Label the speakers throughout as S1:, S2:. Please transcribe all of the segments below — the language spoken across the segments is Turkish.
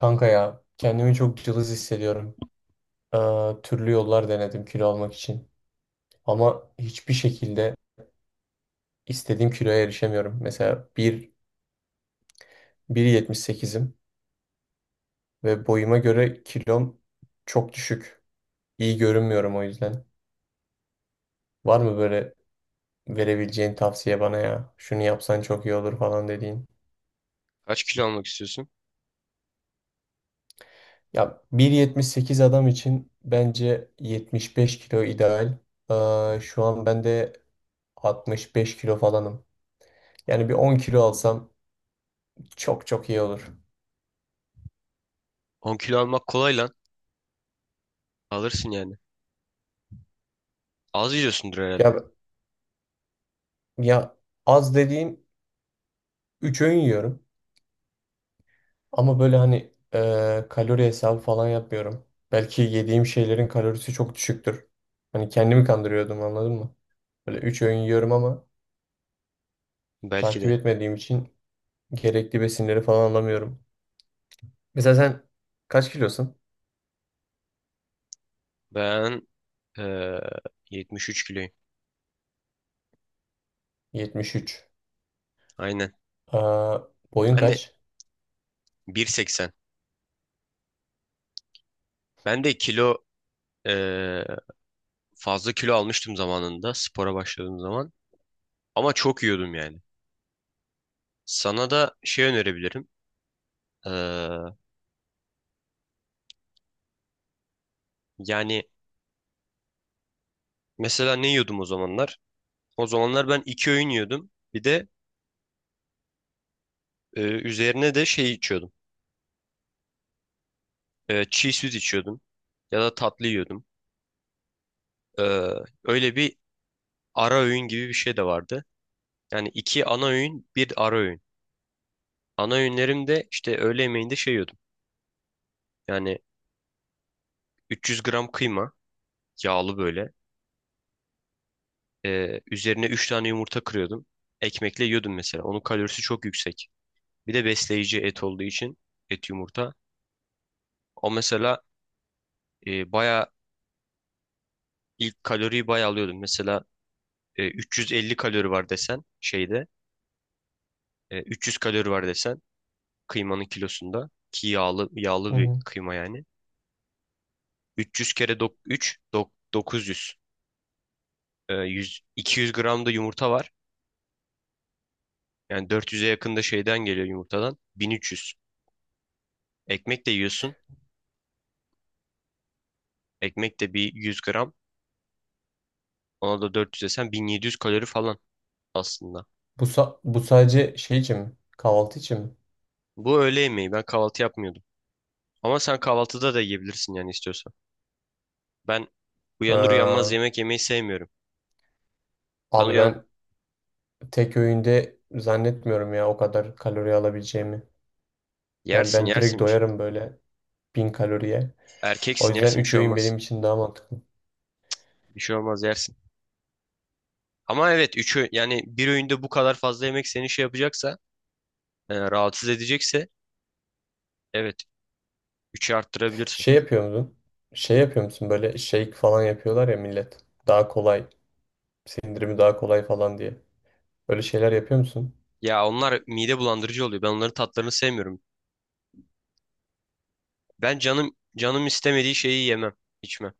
S1: Kanka ya kendimi çok cılız hissediyorum. Türlü yollar denedim kilo almak için. Ama hiçbir şekilde istediğim kiloya erişemiyorum. Mesela 1, 1,78'im ve boyuma göre kilom çok düşük. İyi görünmüyorum o yüzden. Var mı böyle verebileceğin tavsiye bana ya? Şunu yapsan çok iyi olur falan dediğin.
S2: Kaç kilo almak istiyorsun?
S1: Ya 1,78 adam için bence 75 kilo ideal. Şu an ben de 65 kilo falanım. Yani bir 10 kilo alsam çok çok iyi olur.
S2: 10 kilo almak kolay lan. Alırsın yani. Az yiyorsundur herhalde.
S1: Ya ya, az dediğim 3 öğün yiyorum. Ama böyle hani kalori hesabı falan yapmıyorum. Belki yediğim şeylerin kalorisi çok düşüktür. Hani kendimi kandırıyordum, anladın mı? Böyle 3 öğün yiyorum ama
S2: Belki
S1: takip
S2: de.
S1: etmediğim için gerekli besinleri falan alamıyorum. Mesela sen kaç kilosun?
S2: Ben eee 73 kiloyum.
S1: 73.
S2: Aynen.
S1: Aa, boyun
S2: Ben de
S1: kaç?
S2: 1.80. Ben de kilo eee, fazla kilo almıştım zamanında spora başladığım zaman. Ama çok yiyordum yani. Sana da şey önerebilirim. Eee, Yani mesela ne yiyordum o zamanlar? O zamanlar ben iki öğün yiyordum. Bir de üzerine de şey içiyordum. Çiğ süt içiyordum. Ya da tatlı yiyordum. Ee, Öyle bir ara öğün gibi bir şey de vardı. Yani iki ana öğün, bir ara öğün. Ana öğünlerim de işte öğle yemeğinde şey yiyordum. Yani 300 gram kıyma, yağlı böyle. Üzerine 3 tane yumurta kırıyordum. Ekmekle yiyordum mesela. Onun kalorisi çok yüksek. Bir de besleyici et olduğu için et yumurta. O mesela baya ilk kaloriyi baya alıyordum. Mesela 350 kalori var desen şeyde. 300 kalori var desen kıymanın kilosunda ki yağlı
S1: Hı
S2: yağlı bir
S1: hı.
S2: kıyma yani. 300 kere 3 900. 100, 200 gram da yumurta var. Yani 400'e yakın da şeyden geliyor yumurtadan. 1300. Ekmek de yiyorsun. Ekmek de bir 100 gram. Ona da 400 desen 1700 kalori falan aslında.
S1: Bu sadece şey için mi? Kahvaltı için mi?
S2: Bu öğle yemeği. Ben kahvaltı yapmıyordum. Ama sen kahvaltıda da yiyebilirsin yani istiyorsan. Ben uyanır uyanmaz
S1: Aa,
S2: yemek yemeyi sevmiyorum. Ben
S1: abi
S2: uyan
S1: ben tek öğünde zannetmiyorum ya o kadar kalori alabileceğimi. Yani
S2: Yersin
S1: ben direkt
S2: yersin.
S1: doyarım böyle 1000 kaloriye. O
S2: Erkeksin
S1: yüzden
S2: yersin bir
S1: üç
S2: şey
S1: öğün
S2: olmaz.
S1: benim için daha mantıklı.
S2: Bir şey olmaz yersin. Ama evet üçü yani bir öğünde bu kadar fazla yemek seni şey yapacaksa rahatsız edecekse evet 3'e arttırabilirsin.
S1: Şey yapıyor musun? Şey yapıyor musun, böyle shake falan yapıyorlar ya millet. Daha kolay. Sindirimi daha kolay falan diye. Öyle şeyler yapıyor musun?
S2: Ya onlar mide bulandırıcı oluyor. Ben onların tatlarını sevmiyorum. Ben canım canım istemediği şeyi yemem, içmem.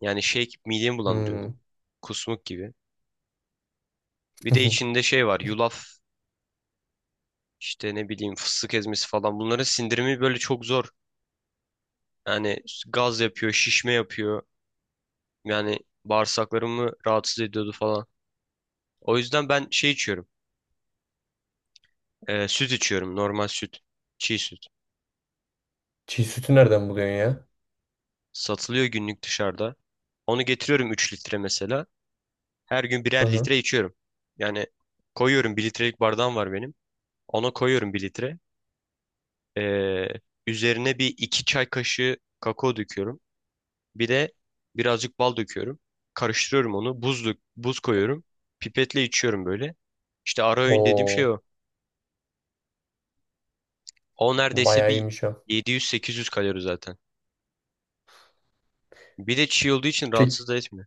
S2: Yani şey midemi bulandırıyordu.
S1: Hmm.
S2: Kusmuk gibi. Bir de içinde şey var. Yulaf, işte ne bileyim fıstık ezmesi falan. Bunların sindirimi böyle çok zor. Yani gaz yapıyor, şişme yapıyor. Yani bağırsaklarımı rahatsız ediyordu falan. O yüzden ben şey içiyorum. Süt içiyorum. Normal süt. Çiğ süt.
S1: Çiğ sütü nereden buluyorsun ya?
S2: Satılıyor günlük dışarıda. Onu getiriyorum 3 litre mesela. Her gün
S1: Hı
S2: birer
S1: hı.
S2: litre içiyorum. Yani koyuyorum bir litrelik bardağım var benim. Ona koyuyorum bir litre. Ee, Üzerine bir 2 çay kaşığı kakao döküyorum. Bir de birazcık bal döküyorum. Karıştırıyorum onu. Buz koyuyorum. Pipetle içiyorum böyle. İşte ara öğün dediğim şey
S1: Oo,
S2: o. O neredeyse
S1: bayağı
S2: bir
S1: iyiymiş o.
S2: 700 800 kalori zaten. Bir de çiğ olduğu için
S1: Peki,
S2: rahatsız da etmiyor.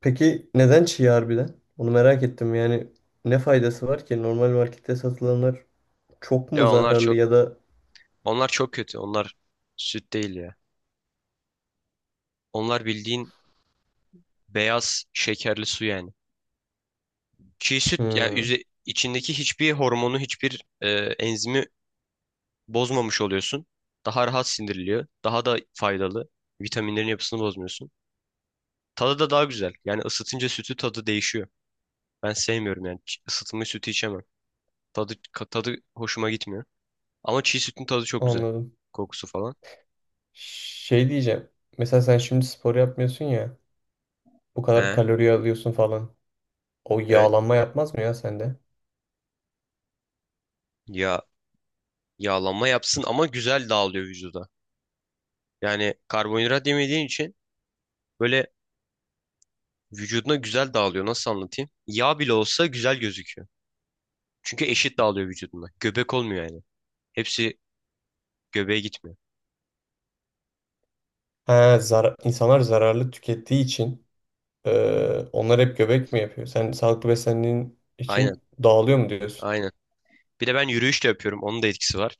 S1: peki, neden çiğ harbiden? Onu merak ettim yani. Ne faydası var ki? Normal markette satılanlar çok mu
S2: Ya
S1: zararlı, ya da.
S2: onlar çok kötü. Onlar süt değil ya. Onlar bildiğin beyaz şekerli su yani. Çiğ süt ya
S1: Hmm,
S2: içindeki hiçbir hormonu, hiçbir enzimi bozmamış oluyorsun. Daha rahat sindiriliyor. Daha da faydalı. Vitaminlerin yapısını bozmuyorsun. Tadı da daha güzel. Yani ısıtınca sütü tadı değişiyor. Ben sevmiyorum yani. Isıtılmış sütü içemem. Tadı hoşuma gitmiyor. Ama çiğ sütün tadı çok güzel.
S1: anladım.
S2: Kokusu falan.
S1: Şey diyeceğim. Mesela sen şimdi spor yapmıyorsun ya. Bu kadar
S2: He,
S1: kalori alıyorsun falan. O
S2: evet.
S1: yağlanma yapmaz mı ya sende?
S2: Ya yağlanma yapsın ama güzel dağılıyor vücuda. Yani karbonhidrat yemediğin için böyle vücuduna güzel dağılıyor. Nasıl anlatayım? Yağ bile olsa güzel gözüküyor. Çünkü eşit dağılıyor vücuduna. Göbek olmuyor yani. Hepsi göbeğe gitmiyor.
S1: Ha, insanlar zararlı tükettiği için onlar hep göbek mi yapıyor? Sen sağlıklı beslendiğin
S2: Aynen,
S1: için dağılıyor mu diyorsun?
S2: aynen. Bir de ben yürüyüş de yapıyorum. Onun da etkisi var.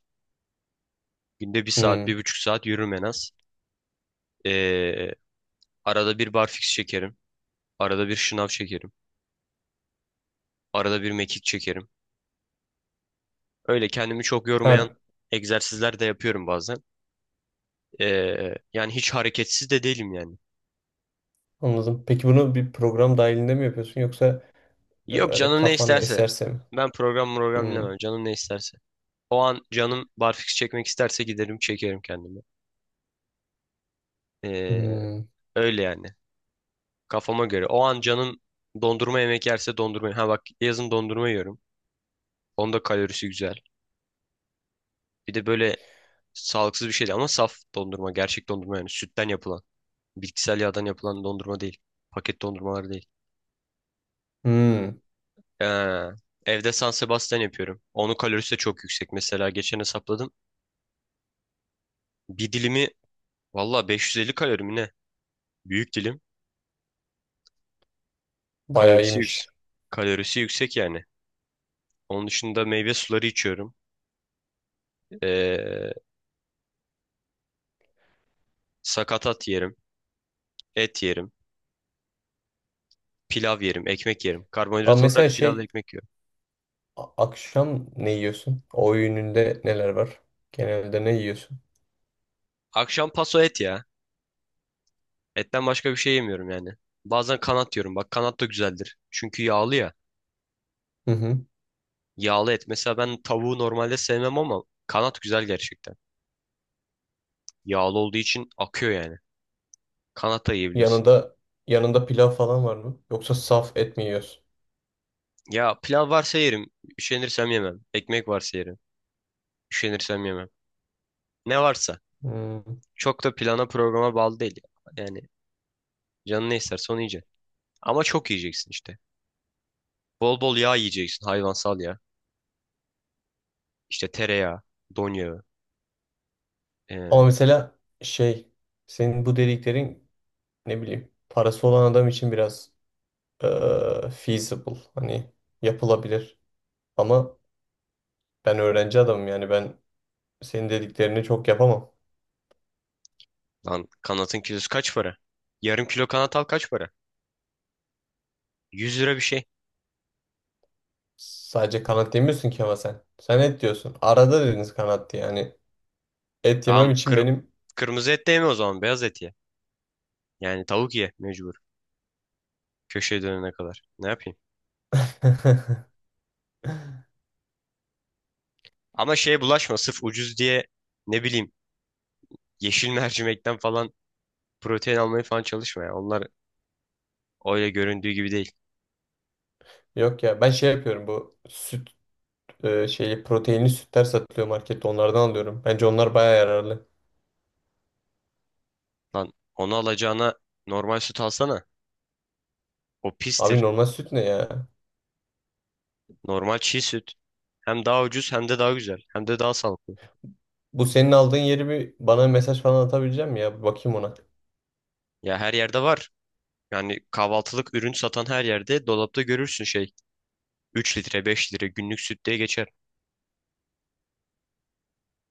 S2: Günde bir saat,
S1: Hmm.
S2: 1,5 saat yürürüm en az. Ee, Arada bir barfix çekerim. Arada bir şınav çekerim. Arada bir mekik çekerim. Öyle kendimi çok
S1: Ha,
S2: yormayan egzersizler de yapıyorum bazen. Yani hiç hareketsiz de değilim yani.
S1: anladım. Peki bunu bir program dahilinde mi yapıyorsun, yoksa
S2: Yok
S1: öyle
S2: canım ne
S1: kafana
S2: isterse.
S1: eserse mi?
S2: Ben program program
S1: Hmm.
S2: dinlemem. Canım ne isterse. O an canım barfiks çekmek isterse giderim çekerim kendimi. Ee,
S1: Hmm.
S2: Öyle yani. Kafama göre. O an canım dondurma yemek yerse dondurma. Ha bak yazın dondurma yiyorum. Onda kalorisi güzel. Bir de böyle sağlıksız bir şey değil ama saf dondurma. Gerçek dondurma yani sütten yapılan. Bitkisel yağdan yapılan dondurma değil. Paket dondurmalar değil.
S1: Hmm.
S2: Ee, Evde San Sebastian yapıyorum. Onun kalorisi de çok yüksek. Mesela geçen hesapladım. Bir dilimi valla 550 kalori mi ne? Büyük dilim.
S1: Bayağı
S2: Kalorisi yüksek.
S1: iyiymiş.
S2: Kalorisi yüksek yani. Onun dışında meyve suları içiyorum. Ee, Sakatat yerim. Et yerim. Pilav yerim. Ekmek yerim.
S1: Ama
S2: Karbonhidrat olarak
S1: mesela
S2: pilavla
S1: şey.
S2: ekmek yiyorum.
S1: Akşam ne yiyorsun? O öğününde neler var? Genelde ne yiyorsun?
S2: Akşam paso et ya. Etten başka bir şey yemiyorum yani. Bazen kanat yiyorum. Bak kanat da güzeldir. Çünkü yağlı ya.
S1: Hı hı.
S2: Yağlı et. Mesela ben tavuğu normalde sevmem ama kanat güzel gerçekten. Yağlı olduğu için akıyor yani. Kanat da yiyebilirsin.
S1: Yanında yanında pilav falan var mı? Yoksa saf et mi yiyorsun?
S2: Ya pilav varsa yerim. Üşenirsem yemem. Ekmek varsa yerim. Üşenirsem yemem. Ne varsa.
S1: Hmm.
S2: Çok da plana programa bağlı değil. Yani canın ne isterse onu yiyeceksin. Ama çok yiyeceksin işte. Bol bol yağ yiyeceksin. Hayvansal yağ. İşte tereyağı, don yağı.
S1: Ama
S2: Ee,
S1: mesela şey, senin bu dediklerin, ne bileyim, parası olan adam için biraz feasible, hani yapılabilir. Ama ben öğrenci adamım, yani ben senin dediklerini çok yapamam.
S2: Lan kanatın kilosu kaç para? Yarım kilo kanat al kaç para? 100 lira bir şey.
S1: Sadece kanat demiyorsun ki ama sen. Sen et diyorsun. Arada dediniz kanat diye yani. Et yemem
S2: Tamam
S1: için
S2: kır
S1: benim.
S2: kırmızı et de yeme o zaman beyaz et ye. Yani tavuk ye mecbur. Köşeye dönene kadar. Ne yapayım? Ama şeye bulaşma sırf ucuz diye ne bileyim yeşil mercimekten falan protein almaya falan çalışma ya. Onlar öyle göründüğü gibi değil.
S1: Yok ya, ben şey yapıyorum, bu süt şeyi, proteinli sütler satılıyor markette, onlardan alıyorum. Bence onlar baya yararlı.
S2: Lan onu alacağına normal süt alsana. O
S1: Abi
S2: pistir.
S1: normal süt ne ya?
S2: Normal çiğ süt. Hem daha ucuz hem de daha güzel. Hem de daha sağlıklı.
S1: Bu senin aldığın yeri bir bana mesaj falan atabilecek misin ya? Bir bakayım ona.
S2: Ya her yerde var. Yani kahvaltılık ürün satan her yerde dolapta görürsün şey. 3 litre 5 litre günlük süt diye geçer.